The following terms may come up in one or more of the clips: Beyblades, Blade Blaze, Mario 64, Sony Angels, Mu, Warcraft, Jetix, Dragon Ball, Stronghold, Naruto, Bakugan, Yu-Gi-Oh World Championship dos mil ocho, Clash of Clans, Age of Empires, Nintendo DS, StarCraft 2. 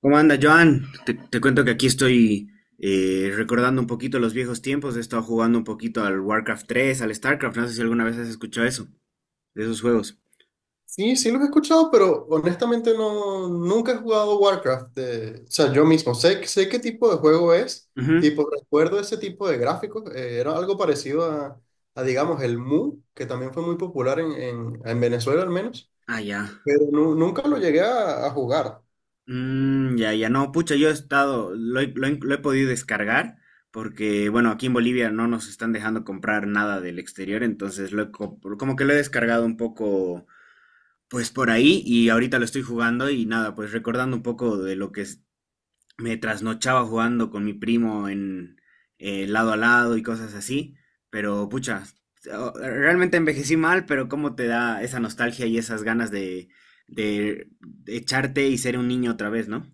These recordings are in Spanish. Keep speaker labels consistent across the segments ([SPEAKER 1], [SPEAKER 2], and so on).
[SPEAKER 1] ¿Cómo anda, Joan? Te cuento que aquí estoy recordando un poquito los viejos tiempos. He estado jugando un poquito al Warcraft tres, al StarCraft. No sé si alguna vez has escuchado eso, de esos juegos.
[SPEAKER 2] Sí, sí los he escuchado, pero honestamente no, nunca he jugado Warcraft. O sea, yo mismo sé qué tipo de juego es,
[SPEAKER 1] Ujú.
[SPEAKER 2] tipo, recuerdo ese tipo de gráficos. Era algo parecido a, digamos, el Mu, que también fue muy popular en Venezuela al menos,
[SPEAKER 1] Ah, ya.
[SPEAKER 2] pero nunca lo llegué a jugar.
[SPEAKER 1] Mm, ya, ya. No, pucha, yo he estado, lo he podido descargar porque, bueno, aquí en Bolivia no nos están dejando comprar nada del exterior, entonces como que lo he descargado un poco, pues por ahí y ahorita lo estoy jugando y nada, pues recordando un poco de lo que me trasnochaba jugando con mi primo en lado a lado y cosas así, pero pucha, realmente envejecí mal, pero cómo te da esa nostalgia y esas ganas de, de echarte y ser un niño otra vez, ¿no?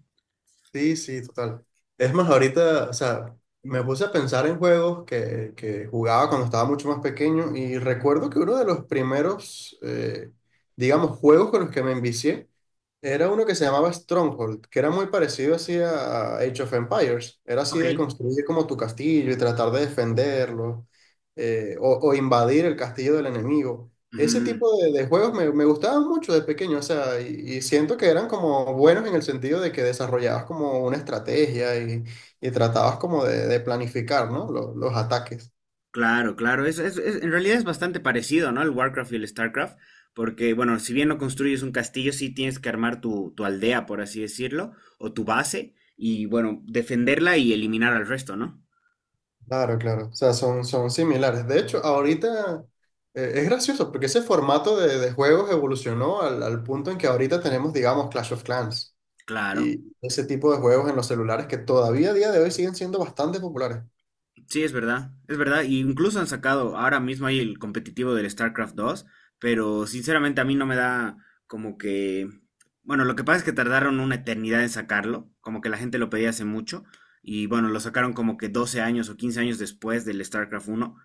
[SPEAKER 2] Sí, sí, total. Es más, ahorita, o sea, me puse a pensar en juegos que jugaba cuando estaba mucho más pequeño y recuerdo que uno de los primeros, digamos, juegos con los que me envicié era uno que se llamaba Stronghold, que era muy parecido así a Age of Empires. Era así
[SPEAKER 1] Ok.
[SPEAKER 2] de construir como tu castillo y tratar de defenderlo o invadir el castillo del enemigo. Ese
[SPEAKER 1] Ujú.
[SPEAKER 2] tipo de juegos me gustaban mucho de pequeño, o sea, y siento que eran como buenos en el sentido de que desarrollabas como una estrategia y tratabas como de planificar, ¿no? Los ataques.
[SPEAKER 1] Claro, claro, en realidad es bastante parecido, ¿no? El Warcraft y el Starcraft, porque, bueno, si bien no construyes un castillo, sí tienes que armar tu, aldea, por así decirlo, o tu base, y, bueno, defenderla y eliminar al resto, ¿no?
[SPEAKER 2] Claro, claro, o sea, son similares. De hecho, ahorita es gracioso porque ese formato de juegos evolucionó al punto en que ahorita tenemos, digamos, Clash of Clans
[SPEAKER 1] Claro.
[SPEAKER 2] y ese tipo de juegos en los celulares que todavía a día de hoy siguen siendo bastante populares.
[SPEAKER 1] Sí, es verdad, es verdad. Y incluso han sacado, ahora mismo hay el competitivo del StarCraft 2, pero sinceramente a mí no me da como que... Bueno, lo que pasa es que tardaron una eternidad en sacarlo, como que la gente lo pedía hace mucho, y bueno, lo sacaron como que 12 años o 15 años después del StarCraft uno.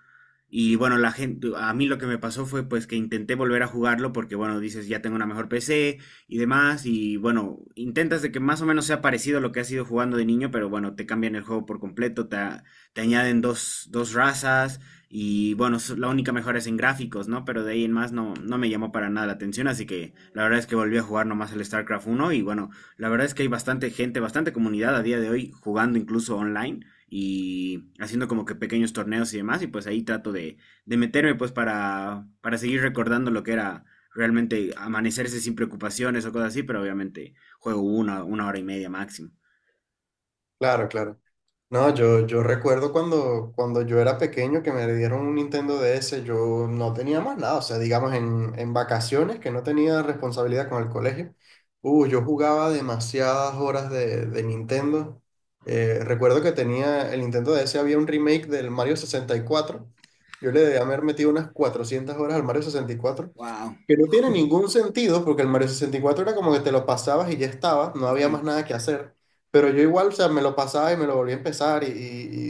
[SPEAKER 1] Y bueno, la gente, a mí lo que me pasó fue pues que intenté volver a jugarlo porque bueno, dices ya tengo una mejor PC y demás y bueno, intentas de que más o menos sea parecido a lo que has ido jugando de niño, pero bueno, te cambian el juego por completo, te añaden dos, razas y bueno, la única mejora es en gráficos, ¿no? Pero de ahí en más no, no me llamó para nada la atención, así que la verdad es que volví a jugar nomás el StarCraft uno y bueno, la verdad es que hay bastante gente, bastante comunidad a día de hoy jugando incluso online y haciendo como que pequeños torneos y demás y pues ahí trato de, meterme pues para seguir recordando lo que era realmente amanecerse sin preocupaciones o cosas así, pero obviamente juego una hora y media máximo.
[SPEAKER 2] Claro, claro. No, yo recuerdo cuando yo era pequeño que me dieron un Nintendo DS, yo no tenía más nada, o sea, digamos en vacaciones que no tenía responsabilidad con el colegio. Yo jugaba demasiadas horas de Nintendo. Recuerdo que tenía el Nintendo DS, había un remake del Mario 64. Yo le debía haber metido unas 400 horas al Mario 64,
[SPEAKER 1] Wow,
[SPEAKER 2] que no tiene ningún sentido porque el Mario 64 era como que te lo pasabas y ya estaba, no había
[SPEAKER 1] sí.
[SPEAKER 2] más nada que hacer. Pero yo igual, o sea, me lo pasaba y me lo volví a empezar y,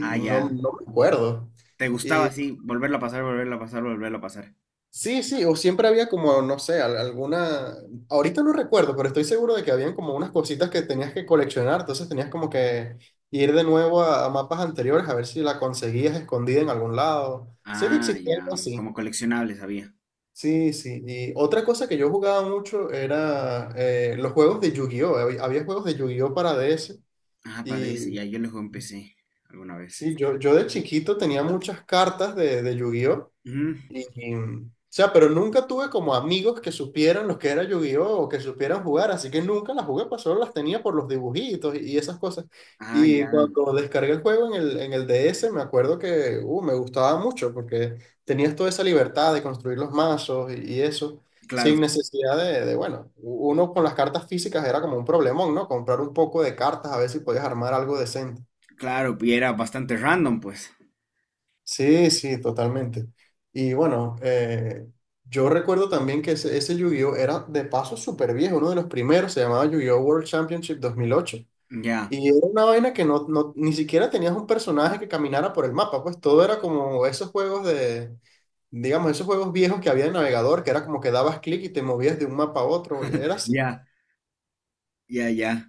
[SPEAKER 1] Ah,
[SPEAKER 2] y no,
[SPEAKER 1] ya.
[SPEAKER 2] no me acuerdo.
[SPEAKER 1] Te gustaba
[SPEAKER 2] Y
[SPEAKER 1] así, volverlo a pasar, volverlo a pasar, volverlo a pasar.
[SPEAKER 2] sí, sí, o siempre había como, no sé, alguna... Ahorita no recuerdo, pero estoy seguro de que habían como unas cositas que tenías que coleccionar, entonces tenías como que ir de nuevo a mapas anteriores a ver si la conseguías escondida en algún lado. Sé que
[SPEAKER 1] Ah,
[SPEAKER 2] existía
[SPEAKER 1] ya,
[SPEAKER 2] algo así.
[SPEAKER 1] como coleccionable sabía.
[SPEAKER 2] Sí, sí. Y otra cosa que yo jugaba mucho era los juegos de Yu-Gi-Oh! Había juegos de Yu-Gi-Oh! Para DS.
[SPEAKER 1] Ah, padre, ese,
[SPEAKER 2] Y
[SPEAKER 1] ya, yo lo jugué luego empecé alguna vez.
[SPEAKER 2] sí, yo de chiquito tenía muchas cartas de Yu-Gi-Oh!
[SPEAKER 1] Ujú.
[SPEAKER 2] Y, mm, o sea, pero nunca tuve como amigos que supieran lo que era Yu-Gi-Oh! O que supieran jugar, así que nunca las jugué, pues solo las tenía por los dibujitos y esas cosas.
[SPEAKER 1] Ah,
[SPEAKER 2] Y
[SPEAKER 1] ya,
[SPEAKER 2] cuando descargué el juego en el DS, me acuerdo que me gustaba mucho porque tenías toda esa libertad de construir los mazos y eso,
[SPEAKER 1] claro,
[SPEAKER 2] sin necesidad de, bueno, uno con las cartas físicas era como un problemón, ¿no? Comprar un poco de cartas a ver si podías armar algo decente.
[SPEAKER 1] claro, y era bastante random, pues.
[SPEAKER 2] Sí, sí, totalmente. Y bueno, yo recuerdo también que ese Yu-Gi-Oh era de paso súper viejo, uno de los primeros, se llamaba Yu-Gi-Oh World Championship 2008.
[SPEAKER 1] Ya,
[SPEAKER 2] Y era una vaina que no, ni siquiera tenías un personaje que caminara por el mapa, pues todo era como esos juegos de, digamos, esos juegos viejos que había en navegador, que era como que dabas clic y te movías de un mapa a otro, era así.
[SPEAKER 1] ya, ya, ya.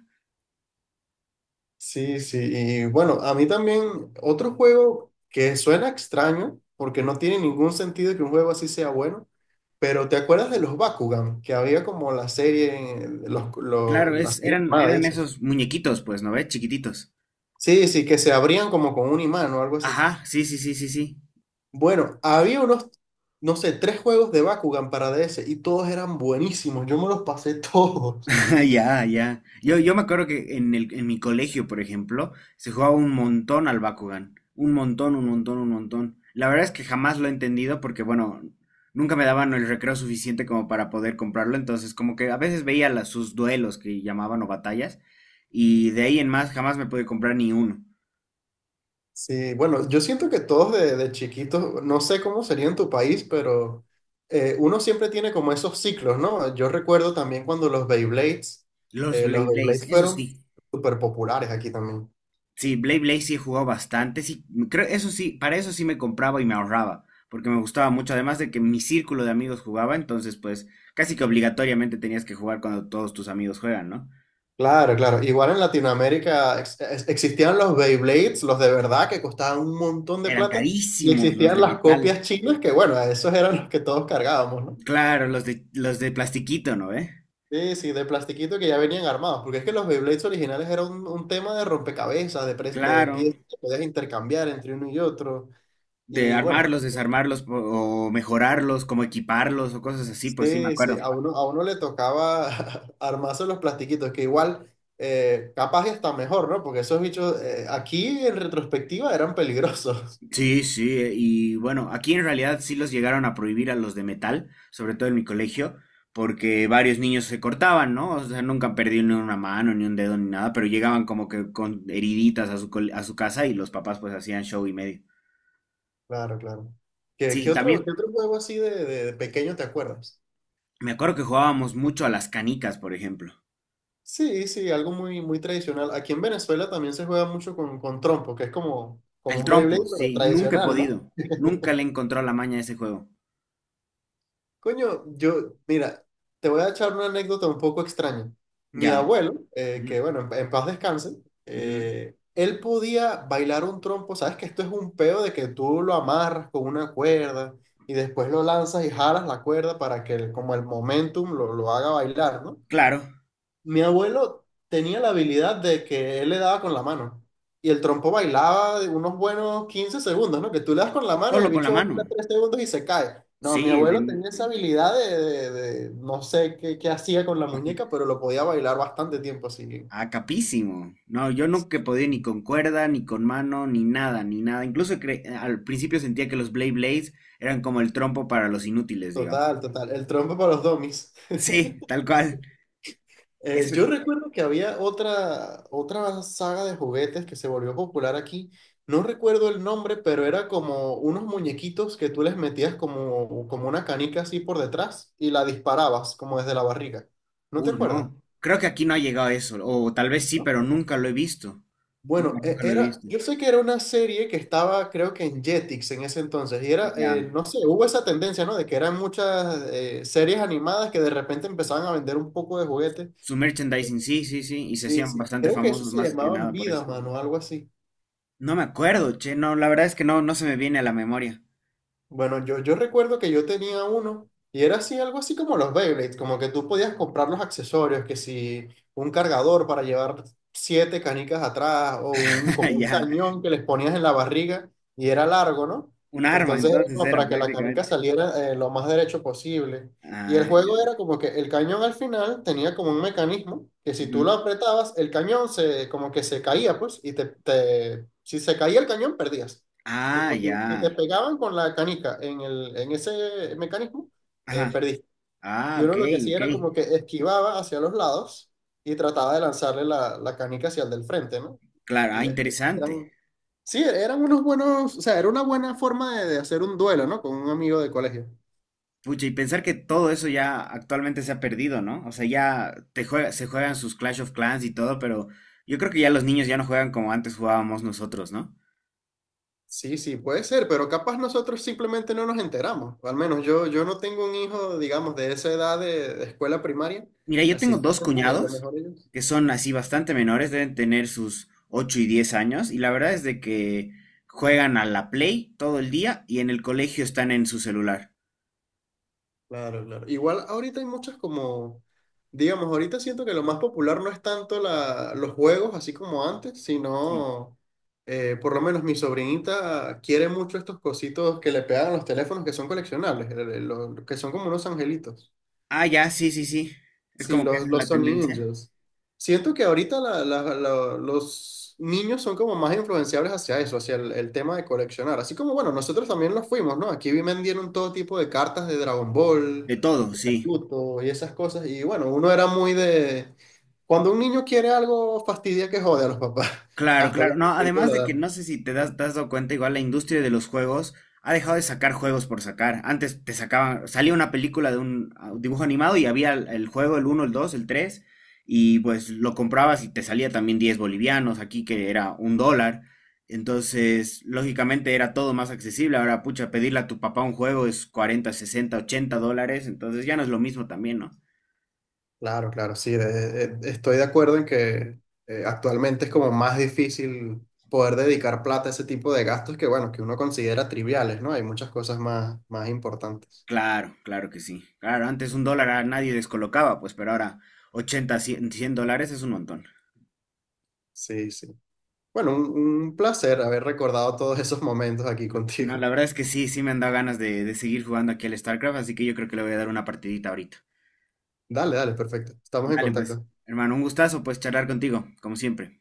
[SPEAKER 2] Sí, sí, y bueno, a mí también otro juego que suena extraño, porque no tiene ningún sentido que un juego así sea bueno, pero ¿te acuerdas de los Bakugan? Que había como la serie,
[SPEAKER 1] Claro,
[SPEAKER 2] la
[SPEAKER 1] es,
[SPEAKER 2] serie
[SPEAKER 1] eran,
[SPEAKER 2] animada de
[SPEAKER 1] eran
[SPEAKER 2] eso.
[SPEAKER 1] esos muñequitos, pues, ¿no ves? Chiquititos.
[SPEAKER 2] Sí, sí, que se abrían como con un imán o algo así.
[SPEAKER 1] Ajá, sí, sí, sí, sí, sí.
[SPEAKER 2] Bueno, había unos, no sé, tres juegos de Bakugan para DS y todos eran buenísimos, yo me los pasé todos.
[SPEAKER 1] Ya, ya. Yo me acuerdo que en mi colegio, por ejemplo, se jugaba un montón al Bakugan. Un montón, un montón, un montón. La verdad es que jamás lo he entendido porque, bueno, nunca me daban el recreo suficiente como para poder comprarlo. Entonces, como que a veces veía sus duelos que llamaban o batallas. Y de ahí en más jamás me pude comprar ni uno.
[SPEAKER 2] Sí, bueno, yo siento que todos de chiquitos, no sé cómo sería en tu país, pero uno siempre tiene como esos ciclos, ¿no? Yo recuerdo también cuando
[SPEAKER 1] Los
[SPEAKER 2] los
[SPEAKER 1] Blade Blaze,
[SPEAKER 2] Beyblades
[SPEAKER 1] eso
[SPEAKER 2] fueron
[SPEAKER 1] sí.
[SPEAKER 2] súper populares aquí también.
[SPEAKER 1] Sí, Blade Blade sí he jugado bastante, sí, creo, eso sí, para eso sí me compraba y me ahorraba, porque me gustaba mucho, además de que mi círculo de amigos jugaba, entonces pues casi que obligatoriamente tenías que jugar cuando todos tus amigos juegan, ¿no?
[SPEAKER 2] Claro, claro. Igual en Latinoamérica existían los Beyblades, los de verdad, que costaban un montón de
[SPEAKER 1] Eran
[SPEAKER 2] plata, y
[SPEAKER 1] carísimos los
[SPEAKER 2] existían
[SPEAKER 1] de
[SPEAKER 2] las copias
[SPEAKER 1] metal.
[SPEAKER 2] chinas, que bueno, esos eran los que todos cargábamos, ¿no?
[SPEAKER 1] Claro, los de plastiquito, ¿no? ¿Eh?
[SPEAKER 2] Sí, sí, de plastiquito que ya venían armados, porque es que los Beyblades originales era un tema de rompecabezas, de, de
[SPEAKER 1] Claro,
[SPEAKER 2] piezas que podías intercambiar entre uno y otro.
[SPEAKER 1] de
[SPEAKER 2] Y bueno,
[SPEAKER 1] armarlos, desarmarlos o mejorarlos, como equiparlos o cosas así, pues sí me
[SPEAKER 2] sí, sí,
[SPEAKER 1] acuerdo.
[SPEAKER 2] a uno le tocaba armarse los plastiquitos, que igual capaz y hasta mejor, ¿no? Porque esos bichos aquí en retrospectiva eran peligrosos.
[SPEAKER 1] Sí, sí, y bueno, aquí en realidad sí los llegaron a prohibir a los de metal, sobre todo en mi colegio, porque varios niños se cortaban, ¿no? O sea, nunca han perdido ni una mano, ni un dedo, ni nada, pero llegaban como que con heriditas a su casa y los papás pues hacían show y medio.
[SPEAKER 2] Claro, claro. ¿Qué,
[SPEAKER 1] Sí,
[SPEAKER 2] qué
[SPEAKER 1] también
[SPEAKER 2] otro juego así de, de pequeño te acuerdas?
[SPEAKER 1] me acuerdo que jugábamos mucho a las canicas, por ejemplo.
[SPEAKER 2] Sí, sí, algo muy, muy tradicional. Aquí en Venezuela también se juega mucho con trompo, que es como,
[SPEAKER 1] Al
[SPEAKER 2] como un
[SPEAKER 1] trompo,
[SPEAKER 2] Beyblade, pero
[SPEAKER 1] sí, nunca he
[SPEAKER 2] tradicional, ¿no?
[SPEAKER 1] podido. Nunca le encontró la maña a ese juego.
[SPEAKER 2] Coño, yo, mira, te voy a echar una anécdota un poco extraña. Mi
[SPEAKER 1] Ya.
[SPEAKER 2] abuelo,
[SPEAKER 1] Ujú,
[SPEAKER 2] que bueno, en paz descanse,
[SPEAKER 1] ujú.
[SPEAKER 2] él podía bailar un trompo. Sabes que esto es un peo de que tú lo amarras con una cuerda y después lo lanzas y jalas la cuerda para que como el momentum lo haga bailar, ¿no?
[SPEAKER 1] Claro,
[SPEAKER 2] Mi abuelo tenía la habilidad de que él le daba con la mano. Y el trompo bailaba de unos buenos 15 segundos, ¿no? Que tú le das con la mano y
[SPEAKER 1] solo
[SPEAKER 2] el
[SPEAKER 1] con la
[SPEAKER 2] bicho baila
[SPEAKER 1] mano.
[SPEAKER 2] 3 segundos y se cae. No, mi
[SPEAKER 1] Sí.
[SPEAKER 2] abuelo tenía esa habilidad de, no sé qué, qué hacía con la muñeca, pero lo podía bailar bastante tiempo así.
[SPEAKER 1] Ah, capísimo. No, yo nunca he podido ni con cuerda, ni con mano, ni nada, ni nada. Incluso al principio sentía que los Blade Blades eran como el trompo para los inútiles, digamos.
[SPEAKER 2] Total, total. El trompo para los domis.
[SPEAKER 1] Sí, tal cual. eso
[SPEAKER 2] Yo
[SPEAKER 1] ju-
[SPEAKER 2] recuerdo que había otra, otra saga de juguetes que se volvió popular aquí. No recuerdo el nombre, pero era como unos muñequitos que tú les metías como, como una canica así por detrás y la disparabas como desde la barriga. ¿No te
[SPEAKER 1] Uy,
[SPEAKER 2] acuerdas?
[SPEAKER 1] no. Creo que aquí no ha llegado eso. O tal vez sí,
[SPEAKER 2] ¿No?
[SPEAKER 1] pero nunca lo he visto. Nunca,
[SPEAKER 2] Bueno,
[SPEAKER 1] nunca lo he
[SPEAKER 2] era,
[SPEAKER 1] visto.
[SPEAKER 2] yo sé que era una serie que estaba, creo que en Jetix en ese entonces, y era,
[SPEAKER 1] Ya.
[SPEAKER 2] no sé, hubo esa tendencia, ¿no? De que eran muchas series animadas que de repente empezaban a vender un poco de juguetes.
[SPEAKER 1] Su merchandising, sí, sí, sí. Y se
[SPEAKER 2] Sí,
[SPEAKER 1] hacían
[SPEAKER 2] sí.
[SPEAKER 1] bastante
[SPEAKER 2] Creo que eso
[SPEAKER 1] famosos
[SPEAKER 2] se
[SPEAKER 1] más que
[SPEAKER 2] llamaban
[SPEAKER 1] nada por
[SPEAKER 2] Vida,
[SPEAKER 1] eso.
[SPEAKER 2] mano, algo así.
[SPEAKER 1] No me acuerdo, che. No, la verdad es que no, no se me viene a la memoria.
[SPEAKER 2] Bueno, yo recuerdo que yo tenía uno y era así, algo así como los Beyblades, como que tú podías comprar los accesorios, que si un cargador para llevar 7 canicas atrás o un, como un
[SPEAKER 1] Ya.
[SPEAKER 2] cañón que les ponías en la barriga y era largo, ¿no?
[SPEAKER 1] Un arma,
[SPEAKER 2] Entonces era
[SPEAKER 1] entonces
[SPEAKER 2] como
[SPEAKER 1] era
[SPEAKER 2] para que la canica
[SPEAKER 1] prácticamente.
[SPEAKER 2] saliera lo más derecho posible. Y el
[SPEAKER 1] Ah, ya.
[SPEAKER 2] juego era como que el cañón al final tenía como un mecanismo que si tú lo
[SPEAKER 1] Ujú.
[SPEAKER 2] apretabas, el cañón se, como que se caía, pues, y si se caía el cañón, perdías.
[SPEAKER 1] Ah,
[SPEAKER 2] Tipo, si
[SPEAKER 1] ya.
[SPEAKER 2] te pegaban con la canica en ese mecanismo,
[SPEAKER 1] Ajá.
[SPEAKER 2] perdiste. Y
[SPEAKER 1] Ah,
[SPEAKER 2] uno
[SPEAKER 1] ok,
[SPEAKER 2] lo que hacía
[SPEAKER 1] ok.
[SPEAKER 2] era como que esquivaba hacia los lados y trataba de lanzarle la canica hacia el del frente, ¿no?
[SPEAKER 1] Claro, ah,
[SPEAKER 2] Y
[SPEAKER 1] interesante.
[SPEAKER 2] eran, sí, eran unos buenos, o sea, era una buena forma de hacer un duelo, ¿no? Con un amigo de colegio.
[SPEAKER 1] Pucha, y pensar que todo eso ya actualmente se ha perdido, ¿no? O sea, ya se juegan sus Clash of Clans y todo, pero yo creo que ya los niños ya no juegan como antes jugábamos nosotros, ¿no?
[SPEAKER 2] Sí, sí, puede ser, pero capaz nosotros simplemente no nos enteramos. O al menos yo no tengo un hijo, digamos, de esa edad de escuela primaria,
[SPEAKER 1] Mira, yo tengo
[SPEAKER 2] así que
[SPEAKER 1] dos
[SPEAKER 2] no sabe, a lo
[SPEAKER 1] cuñados
[SPEAKER 2] mejor ellos.
[SPEAKER 1] que son así bastante menores, deben tener sus 8 y 10 años, y la verdad es de que juegan a la Play todo el día y en el colegio están en su celular.
[SPEAKER 2] Claro, claro. Igual ahorita hay muchas como, digamos, ahorita siento que lo más popular no es tanto la, los juegos así como antes,
[SPEAKER 1] Sí.
[SPEAKER 2] sino, por lo menos mi sobrinita quiere mucho estos cositos que le pegan a los teléfonos que son coleccionables, que son como unos angelitos.
[SPEAKER 1] Ah, ya, sí, sí, sí. Es
[SPEAKER 2] Sí,
[SPEAKER 1] como que esa es
[SPEAKER 2] los
[SPEAKER 1] la
[SPEAKER 2] Sony
[SPEAKER 1] tendencia.
[SPEAKER 2] Angels. Siento que ahorita los niños son como más influenciables hacia eso, hacia el tema de coleccionar. Así como, bueno, nosotros también lo fuimos, ¿no? Aquí vendieron todo tipo de cartas de Dragon Ball,
[SPEAKER 1] De todo,
[SPEAKER 2] de
[SPEAKER 1] sí.
[SPEAKER 2] Naruto y esas cosas. Y bueno, uno era muy de... Cuando un niño quiere algo, fastidia que jode a los papás.
[SPEAKER 1] Claro,
[SPEAKER 2] Hasta que
[SPEAKER 1] claro. No,
[SPEAKER 2] se
[SPEAKER 1] además
[SPEAKER 2] lo
[SPEAKER 1] de que no
[SPEAKER 2] dan.
[SPEAKER 1] sé si te has dado cuenta, igual la industria de los juegos ha dejado de sacar juegos por sacar. Antes te sacaban, salía una película de un dibujo animado y había el juego, el uno, el 2, el 3 y pues lo comprabas y te salía también 10 bolivianos, aquí que era un dólar. Entonces, lógicamente era todo más accesible. Ahora, pucha, pedirle a tu papá un juego es 40, 60, 80 dólares. Entonces ya no es lo mismo también, ¿no?
[SPEAKER 2] Claro, claro, sí, estoy de acuerdo en que actualmente es como más difícil poder dedicar plata a ese tipo de gastos que, bueno, que uno considera triviales, ¿no? Hay muchas cosas más, más importantes.
[SPEAKER 1] Claro, claro que sí. Claro, antes un dólar a nadie descolocaba, pues, pero ahora 80 100 100 dólares es un montón.
[SPEAKER 2] Sí, sí. Bueno, un placer haber recordado todos esos momentos aquí
[SPEAKER 1] No,
[SPEAKER 2] contigo.
[SPEAKER 1] la verdad es que sí, sí me han dado ganas de, seguir jugando aquí al StarCraft, así que yo creo que le voy a dar una partidita ahorita.
[SPEAKER 2] Dale, dale, perfecto. Estamos en
[SPEAKER 1] Dale, pues,
[SPEAKER 2] contacto.
[SPEAKER 1] hermano, un gustazo, pues, charlar contigo, como siempre.